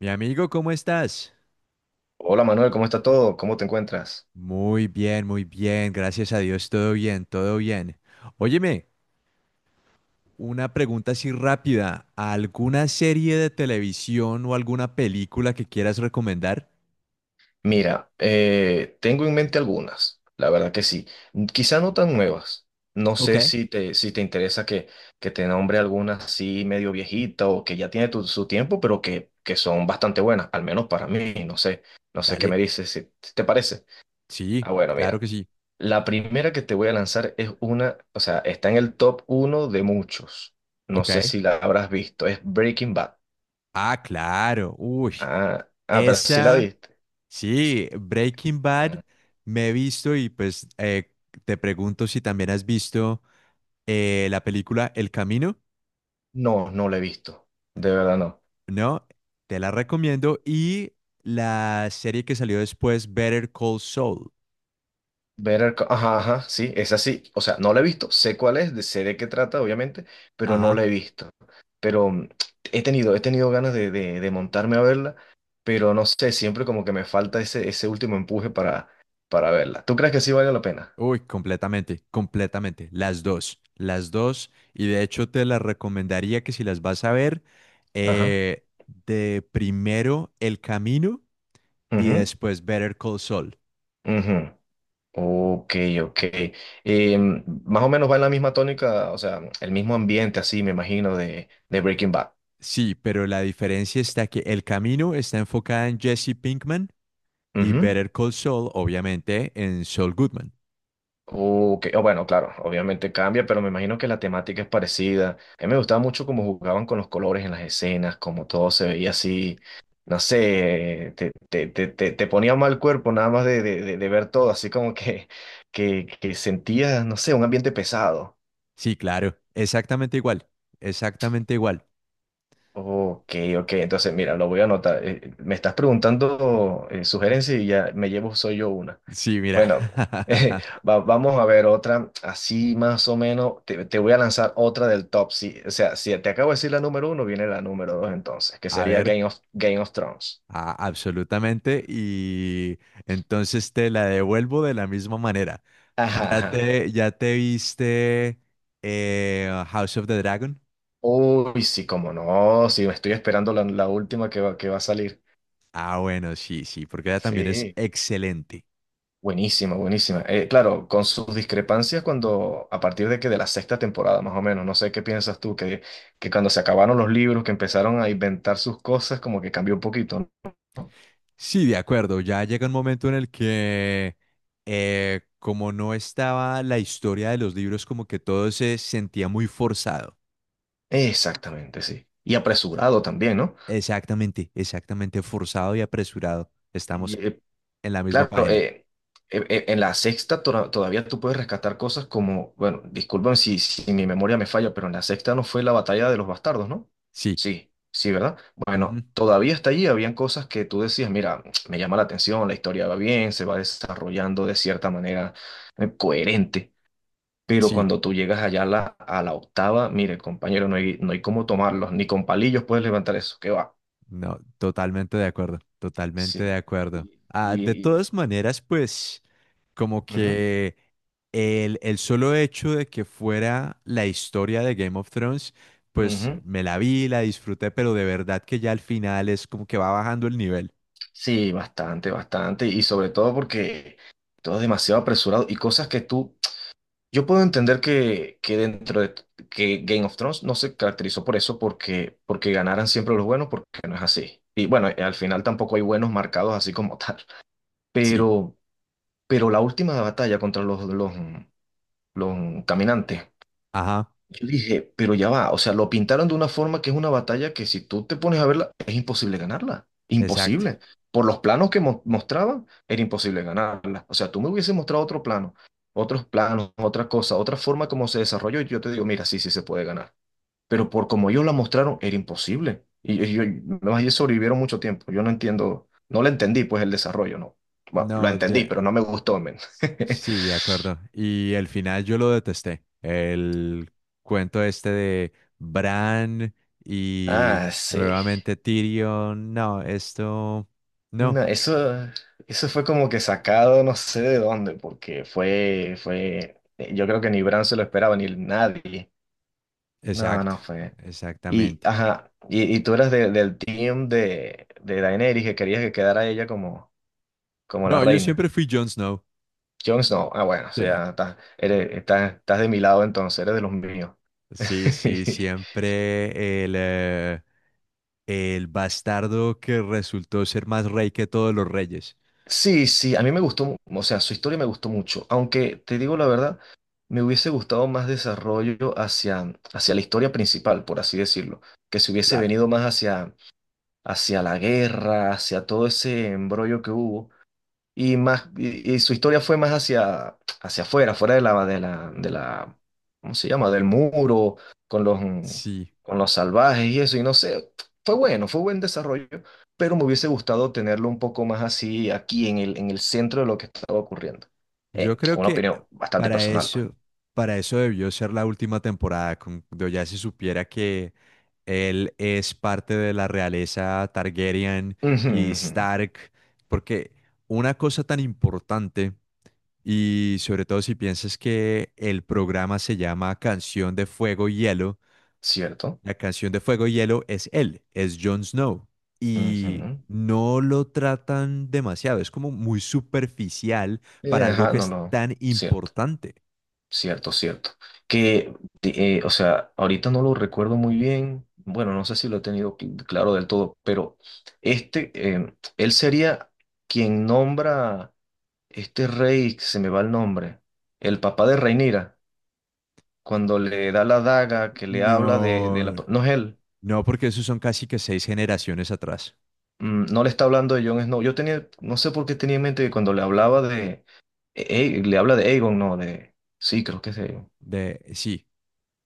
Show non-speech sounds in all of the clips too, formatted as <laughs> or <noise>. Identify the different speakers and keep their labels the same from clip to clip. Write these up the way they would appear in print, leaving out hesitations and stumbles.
Speaker 1: Mi amigo, ¿cómo estás?
Speaker 2: Hola Manuel, ¿cómo está todo? ¿Cómo te encuentras?
Speaker 1: Muy bien, gracias a Dios, todo bien, todo bien. Óyeme, una pregunta así rápida. ¿Alguna serie de televisión o alguna película que quieras recomendar?
Speaker 2: Mira, tengo en mente algunas, la verdad que sí. Quizá no tan nuevas. No
Speaker 1: Ok,
Speaker 2: sé si te interesa que te nombre algunas así medio viejita o que ya tiene su tiempo, pero que son bastante buenas, al menos para mí, no sé. No sé qué
Speaker 1: dale.
Speaker 2: me dices, si te parece.
Speaker 1: Sí,
Speaker 2: Ah, bueno,
Speaker 1: claro
Speaker 2: mira.
Speaker 1: que sí.
Speaker 2: La primera que te voy a lanzar es una, o sea, está en el top uno de muchos. No
Speaker 1: Ok.
Speaker 2: sé si la habrás visto, es Breaking Bad.
Speaker 1: Ah, claro. Uy,
Speaker 2: Ah, pero sí la
Speaker 1: esa,
Speaker 2: viste.
Speaker 1: sí, Breaking Bad me he visto y pues te pregunto si también has visto la película El Camino.
Speaker 2: No, no la he visto. De verdad no.
Speaker 1: No, te la recomiendo. Y la serie que salió después, Better Call Saul.
Speaker 2: Ajá, ajá, sí, es así. O sea, no la he visto. Sé cuál es, sé de qué trata, obviamente, pero no la he
Speaker 1: Ajá.
Speaker 2: visto. Pero he tenido ganas de montarme a verla, pero no sé, siempre como que me falta ese último empuje para verla. ¿Tú crees que sí vale la pena?
Speaker 1: Uy, completamente, completamente. Las dos, las dos. Y de hecho te las recomendaría que si las vas a ver,
Speaker 2: Ajá.
Speaker 1: eh, de primero El Camino y
Speaker 2: Ujú,
Speaker 1: después Better Call Saul.
Speaker 2: ujú. Ok, ok. Más o menos va en la misma tónica, o sea, el mismo ambiente así, me imagino, de Breaking Bad.
Speaker 1: Sí, pero la diferencia está que El Camino está enfocada en Jesse Pinkman y
Speaker 2: Ujú.
Speaker 1: Better Call Saul, obviamente, en Saul Goodman.
Speaker 2: Ok, o bueno, claro, obviamente cambia, pero me imagino que la temática es parecida. A mí me gustaba mucho cómo jugaban con los colores en las escenas, cómo todo se veía así, no sé, te ponía mal cuerpo nada más de ver todo, así como <laughs> que sentías, no sé, un ambiente pesado.
Speaker 1: Sí, claro, exactamente igual, exactamente igual.
Speaker 2: Ok, ok, entonces mira, lo voy a anotar. Me estás preguntando sugerencias y ya me llevo, soy yo una.
Speaker 1: Sí, mira.
Speaker 2: Bueno,
Speaker 1: <laughs>
Speaker 2: <laughs> vamos a ver otra, así más o menos, te voy a lanzar otra del top. Si, o sea, si te acabo de decir la número uno, viene la número dos entonces, que
Speaker 1: A
Speaker 2: sería
Speaker 1: ver,
Speaker 2: Game of Thrones.
Speaker 1: absolutamente. Y entonces te la devuelvo de la misma manera.
Speaker 2: Ajá, ajá.
Speaker 1: ¿Ya te viste House of the Dragon?
Speaker 2: Uy, sí, cómo no, sí, estoy esperando la última que va a salir.
Speaker 1: Ah, bueno, sí, sí, porque ella también es
Speaker 2: Sí,
Speaker 1: excelente.
Speaker 2: buenísima, buenísima. Claro, con sus discrepancias cuando, a partir de que de la sexta temporada, más o menos, no sé qué piensas tú, que cuando se acabaron los libros, que empezaron a inventar sus cosas, como que cambió un poquito, ¿no?
Speaker 1: Sí, de acuerdo. Ya llega un momento en el que como no estaba la historia de los libros, como que todo se sentía muy forzado.
Speaker 2: Exactamente, sí. Y apresurado también, ¿no?
Speaker 1: Exactamente, exactamente forzado y apresurado.
Speaker 2: Y,
Speaker 1: Estamos
Speaker 2: eh,
Speaker 1: en la misma
Speaker 2: claro,
Speaker 1: página.
Speaker 2: eh, en la todavía tú puedes rescatar cosas como, bueno, disculpen si mi memoria me falla, pero en la sexta no fue la batalla de los bastardos, ¿no?
Speaker 1: Sí,
Speaker 2: Sí, sí, ¿verdad?
Speaker 1: ujú,
Speaker 2: Bueno, todavía hasta allí habían cosas que tú decías, mira, <tsk> me llama la atención, la historia va bien, se va desarrollando de cierta manera coherente. Pero
Speaker 1: sí,
Speaker 2: cuando tú llegas allá a a la octava, mire, compañero, no hay cómo tomarlos, ni con palillos puedes levantar eso, ¿qué va?
Speaker 1: no, totalmente de acuerdo, totalmente de
Speaker 2: Sí.
Speaker 1: acuerdo.
Speaker 2: Y,
Speaker 1: Ah, de
Speaker 2: y-
Speaker 1: todas maneras, pues, como
Speaker 2: Ujú,
Speaker 1: que el solo hecho de que fuera la historia de Game of Thrones, pues
Speaker 2: ujú.
Speaker 1: me la vi, la disfruté, pero de verdad que ya al final es como que va bajando el nivel.
Speaker 2: Sí, bastante, bastante. Y sobre todo porque todo es demasiado apresurado y cosas que tú... Yo puedo entender que dentro de... que Game of Thrones no se caracterizó por eso, porque ganaran siempre los buenos, porque no es así. Y bueno, al final tampoco hay buenos marcados así como <laughs> tal.
Speaker 1: Sí,
Speaker 2: Pero, pero la última batalla contra los caminantes.
Speaker 1: ajá,
Speaker 2: Yo dije, pero ya va, o sea, lo pintaron de una forma que es una batalla que si tú te pones a verla, es imposible ganarla,
Speaker 1: exacto.
Speaker 2: imposible. Por los planos que mostraban, era imposible ganarla. O sea, tú me hubieses mostrado otro plano, otros planos, otra cosa, otra forma como se desarrolló, y yo te digo, mira, sí, sí se puede ganar. Pero por como ellos la mostraron, era imposible. Y yo, además, ellos sobrevivieron mucho tiempo. Yo no entiendo, no la entendí, pues el desarrollo, no. Bueno, lo
Speaker 1: No,
Speaker 2: entendí,
Speaker 1: de-
Speaker 2: pero no me gustó, men. <laughs>
Speaker 1: Sí, de acuerdo. Y el final yo lo detesté. El cuento este de Bran y
Speaker 2: Ah, sí.
Speaker 1: nuevamente Tyrion. No, esto...
Speaker 2: No,
Speaker 1: No,
Speaker 2: eso fue como que sacado no sé de dónde, porque yo creo que ni Bran se lo esperaba, ni nadie. No,
Speaker 1: exacto,
Speaker 2: no fue. Y,
Speaker 1: exactamente.
Speaker 2: ajá, y tú eras del team de Daenerys, que querías que quedara ella como, como la
Speaker 1: No, yo
Speaker 2: reina.
Speaker 1: siempre fui Jon Snow.
Speaker 2: Jon Snow, ah, bueno, o
Speaker 1: Sí.
Speaker 2: sea, estás de mi lado entonces, eres de los míos.
Speaker 1: Sí,
Speaker 2: <laughs>
Speaker 1: sí, siempre el bastardo que resultó ser más rey que todos los reyes.
Speaker 2: Sí, sí, a mí me gustó, o sea, su historia me gustó mucho, aunque te digo la verdad, me hubiese gustado más desarrollo hacia, hacia la historia principal, por así decirlo, que se hubiese
Speaker 1: Claro,
Speaker 2: venido más hacia, hacia la guerra, hacia todo ese embrollo que hubo y más y su historia fue más hacia hacia afuera, fuera de la de la de la ¿cómo se llama? Del muro con los
Speaker 1: sí.
Speaker 2: con los salvajes y eso y no sé, fue bueno, fue buen desarrollo, pero me hubiese gustado tenerlo un poco más así aquí en el centro de lo que estaba ocurriendo.
Speaker 1: Yo creo
Speaker 2: Una
Speaker 1: que
Speaker 2: opinión bastante
Speaker 1: para
Speaker 2: personal, pues.
Speaker 1: eso, para eso debió ser la última temporada, cuando ya se supiera que él es parte de la realeza Targaryen
Speaker 2: Ujú,
Speaker 1: y
Speaker 2: ujú,
Speaker 1: Stark, porque una cosa tan importante, y sobre todo si piensas que el programa se llama Canción de Fuego y Hielo,
Speaker 2: cierto.
Speaker 1: la canción de Fuego y Hielo es él, es Jon Snow. Y
Speaker 2: Ujú.
Speaker 1: no lo tratan demasiado, es como muy superficial para algo
Speaker 2: Ajá,
Speaker 1: que
Speaker 2: no
Speaker 1: es
Speaker 2: lo
Speaker 1: tan
Speaker 2: cierto.
Speaker 1: importante.
Speaker 2: Cierto, cierto. Que, o sea, ahorita no lo recuerdo muy bien. Bueno, no sé si lo he tenido claro del todo, pero este, él sería quien nombra este rey, que se me va el nombre, el papá de Rhaenyra, cuando le da la daga, que le habla de
Speaker 1: No,
Speaker 2: la... No es él,
Speaker 1: no, porque esos son casi que seis generaciones atrás.
Speaker 2: mm, no le está hablando de Jon Snow. Yo tenía, no sé por qué tenía en mente que cuando le hablaba de... le habla de Aegon, no, de... Sí, creo que es de Aegon.
Speaker 1: De, sí,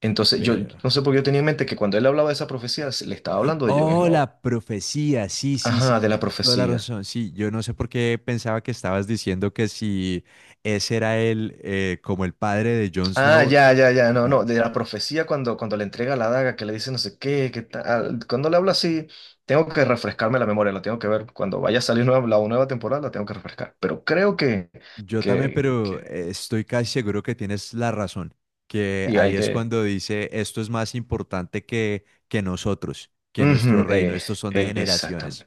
Speaker 2: Entonces, yo
Speaker 1: pero...
Speaker 2: no sé por qué yo tenía en mente que cuando él hablaba de esa profecía, le estaba hablando de Jon
Speaker 1: Oh,
Speaker 2: Snow.
Speaker 1: la profecía, sí, sí, sí,
Speaker 2: Ajá, de la
Speaker 1: tienes toda la
Speaker 2: profecía.
Speaker 1: razón. Sí, yo no sé por qué pensaba que estabas diciendo que si ese era él, como el padre de Jon
Speaker 2: Ah,
Speaker 1: Snow.
Speaker 2: ya, ya, ya, no,
Speaker 1: No,
Speaker 2: no, de la profecía cuando le entrega la daga, que le dice no sé qué, qué tal. Cuando le habla así, tengo que refrescarme la memoria, la tengo que ver. Cuando vaya a salir nueva, la nueva temporada, la tengo que refrescar. Pero creo
Speaker 1: yo también,
Speaker 2: que,
Speaker 1: pero estoy casi seguro que tienes la razón, que
Speaker 2: y hay
Speaker 1: ahí es
Speaker 2: que...
Speaker 1: cuando dice, esto es más importante que nosotros, que nuestro
Speaker 2: Ujú,
Speaker 1: reino, estos son de generaciones.
Speaker 2: exactamente.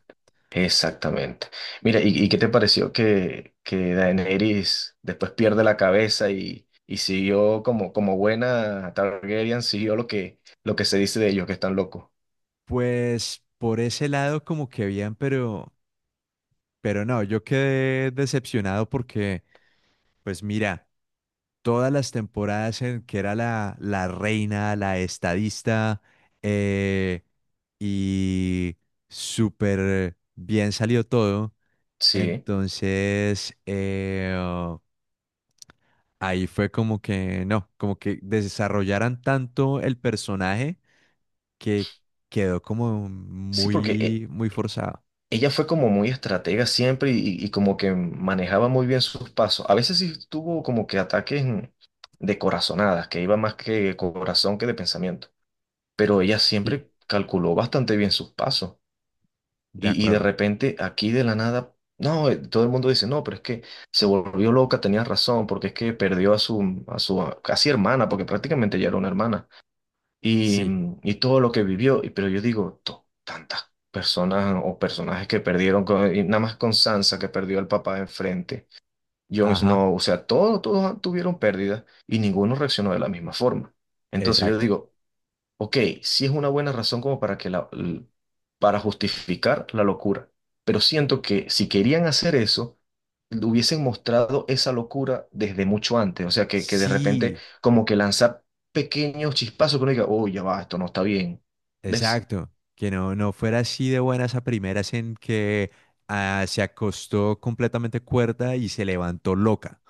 Speaker 2: Exactamente. Mira, ¿ y qué te pareció que Daenerys después pierde la cabeza y siguió como, como buena Targaryen, siguió lo lo que se dice de ellos, que están locos?
Speaker 1: Pues por ese lado como que bien, pero no, yo quedé decepcionado porque, pues mira, todas las temporadas en que era la reina, la estadista, eh, y súper bien salió todo.
Speaker 2: Sí,
Speaker 1: Entonces, oh, ahí fue como que, no, como que desarrollaran tanto el personaje que quedó como
Speaker 2: sí, porque
Speaker 1: muy, muy forzado.
Speaker 2: ella fue como muy estratega siempre y como que manejaba muy bien sus pasos. A veces sí tuvo como que ataques de corazonadas, que iba más que corazón que de pensamiento, pero ella
Speaker 1: Sí.
Speaker 2: siempre calculó bastante bien sus pasos.
Speaker 1: De
Speaker 2: Y de
Speaker 1: acuerdo.
Speaker 2: repente, aquí de la nada, no, todo el mundo dice, no, pero es que se volvió loca, tenía razón, porque es que perdió a a su casi hermana, porque prácticamente ya era una hermana, y,
Speaker 1: Sí,
Speaker 2: y todo lo que vivió. Y- Pero yo digo, Tantas personas o personajes que perdieron, y nada más con Sansa, que perdió al papá enfrente, Jon
Speaker 1: ajá,
Speaker 2: Snow, o sea, todos, todos tuvieron pérdidas y ninguno reaccionó de la misma forma. Entonces yo
Speaker 1: exacto.
Speaker 2: digo, ok, sí es una buena razón como para que para justificar la locura, pero siento que si querían hacer eso, le hubiesen mostrado esa locura desde mucho antes, o sea, que de repente
Speaker 1: Sí,
Speaker 2: como que lanzar pequeños chispazos que uno diga, oh, ya va, esto no está bien, ¿ves?
Speaker 1: exacto. Que no, no fuera así de buenas a primeras en que ah, se acostó completamente cuerda y se levantó loca.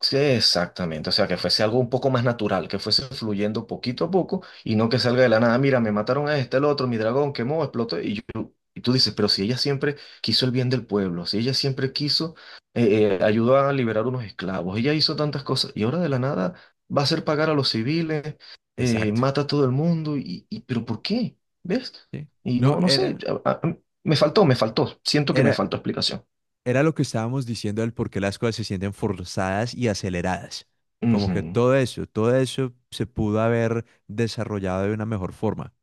Speaker 2: Sí, exactamente. O sea, que
Speaker 1: Sí,
Speaker 2: fuese algo un poco más natural, que fuese fluyendo poquito a poco y no que salga de la nada. Mira, me mataron a este, el otro, mi dragón quemó, explotó. Y tú dices, pero si ella siempre quiso el bien del pueblo, si ella siempre quiso, ayudó a liberar unos esclavos, ella hizo tantas cosas y ahora de la nada va a hacer pagar a los civiles,
Speaker 1: exacto.
Speaker 2: mata a todo el mundo. Pero ¿por qué? ¿Ves?
Speaker 1: Sí.
Speaker 2: Y
Speaker 1: No,
Speaker 2: no, no sé,
Speaker 1: era...
Speaker 2: a- a- me faltó, me faltó. Siento que me
Speaker 1: Era,
Speaker 2: faltó explicación.
Speaker 1: era lo que estábamos diciendo del por qué las cosas se sienten forzadas y aceleradas. Como que
Speaker 2: Ujú.
Speaker 1: todo eso se pudo haber desarrollado de una mejor forma.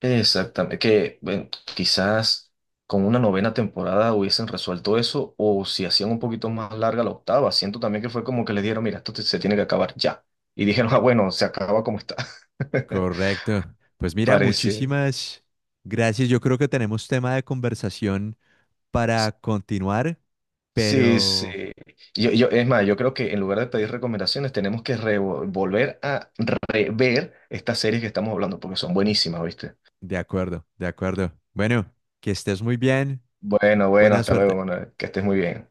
Speaker 2: Exactamente, que bueno, quizás con una novena temporada hubiesen resuelto eso o si hacían un poquito más larga la octava. Siento también que fue como que les dijeron, mira, se tiene que acabar ya. Y dijeron, ah, bueno, se acaba como está. <laughs>
Speaker 1: Correcto. Pues mira,
Speaker 2: Parece.
Speaker 1: muchísimas gracias. Yo creo que tenemos tema de conversación para continuar,
Speaker 2: Sí, sí.
Speaker 1: pero
Speaker 2: Es más, yo creo que en lugar de pedir recomendaciones, tenemos que volver a rever estas series que estamos hablando porque son buenísimas, ¿viste?
Speaker 1: de acuerdo, de acuerdo. Bueno, que estés muy bien.
Speaker 2: Bueno, bueno,
Speaker 1: Buena
Speaker 2: hasta luego,
Speaker 1: suerte.
Speaker 2: Manuel. Que estés muy bien.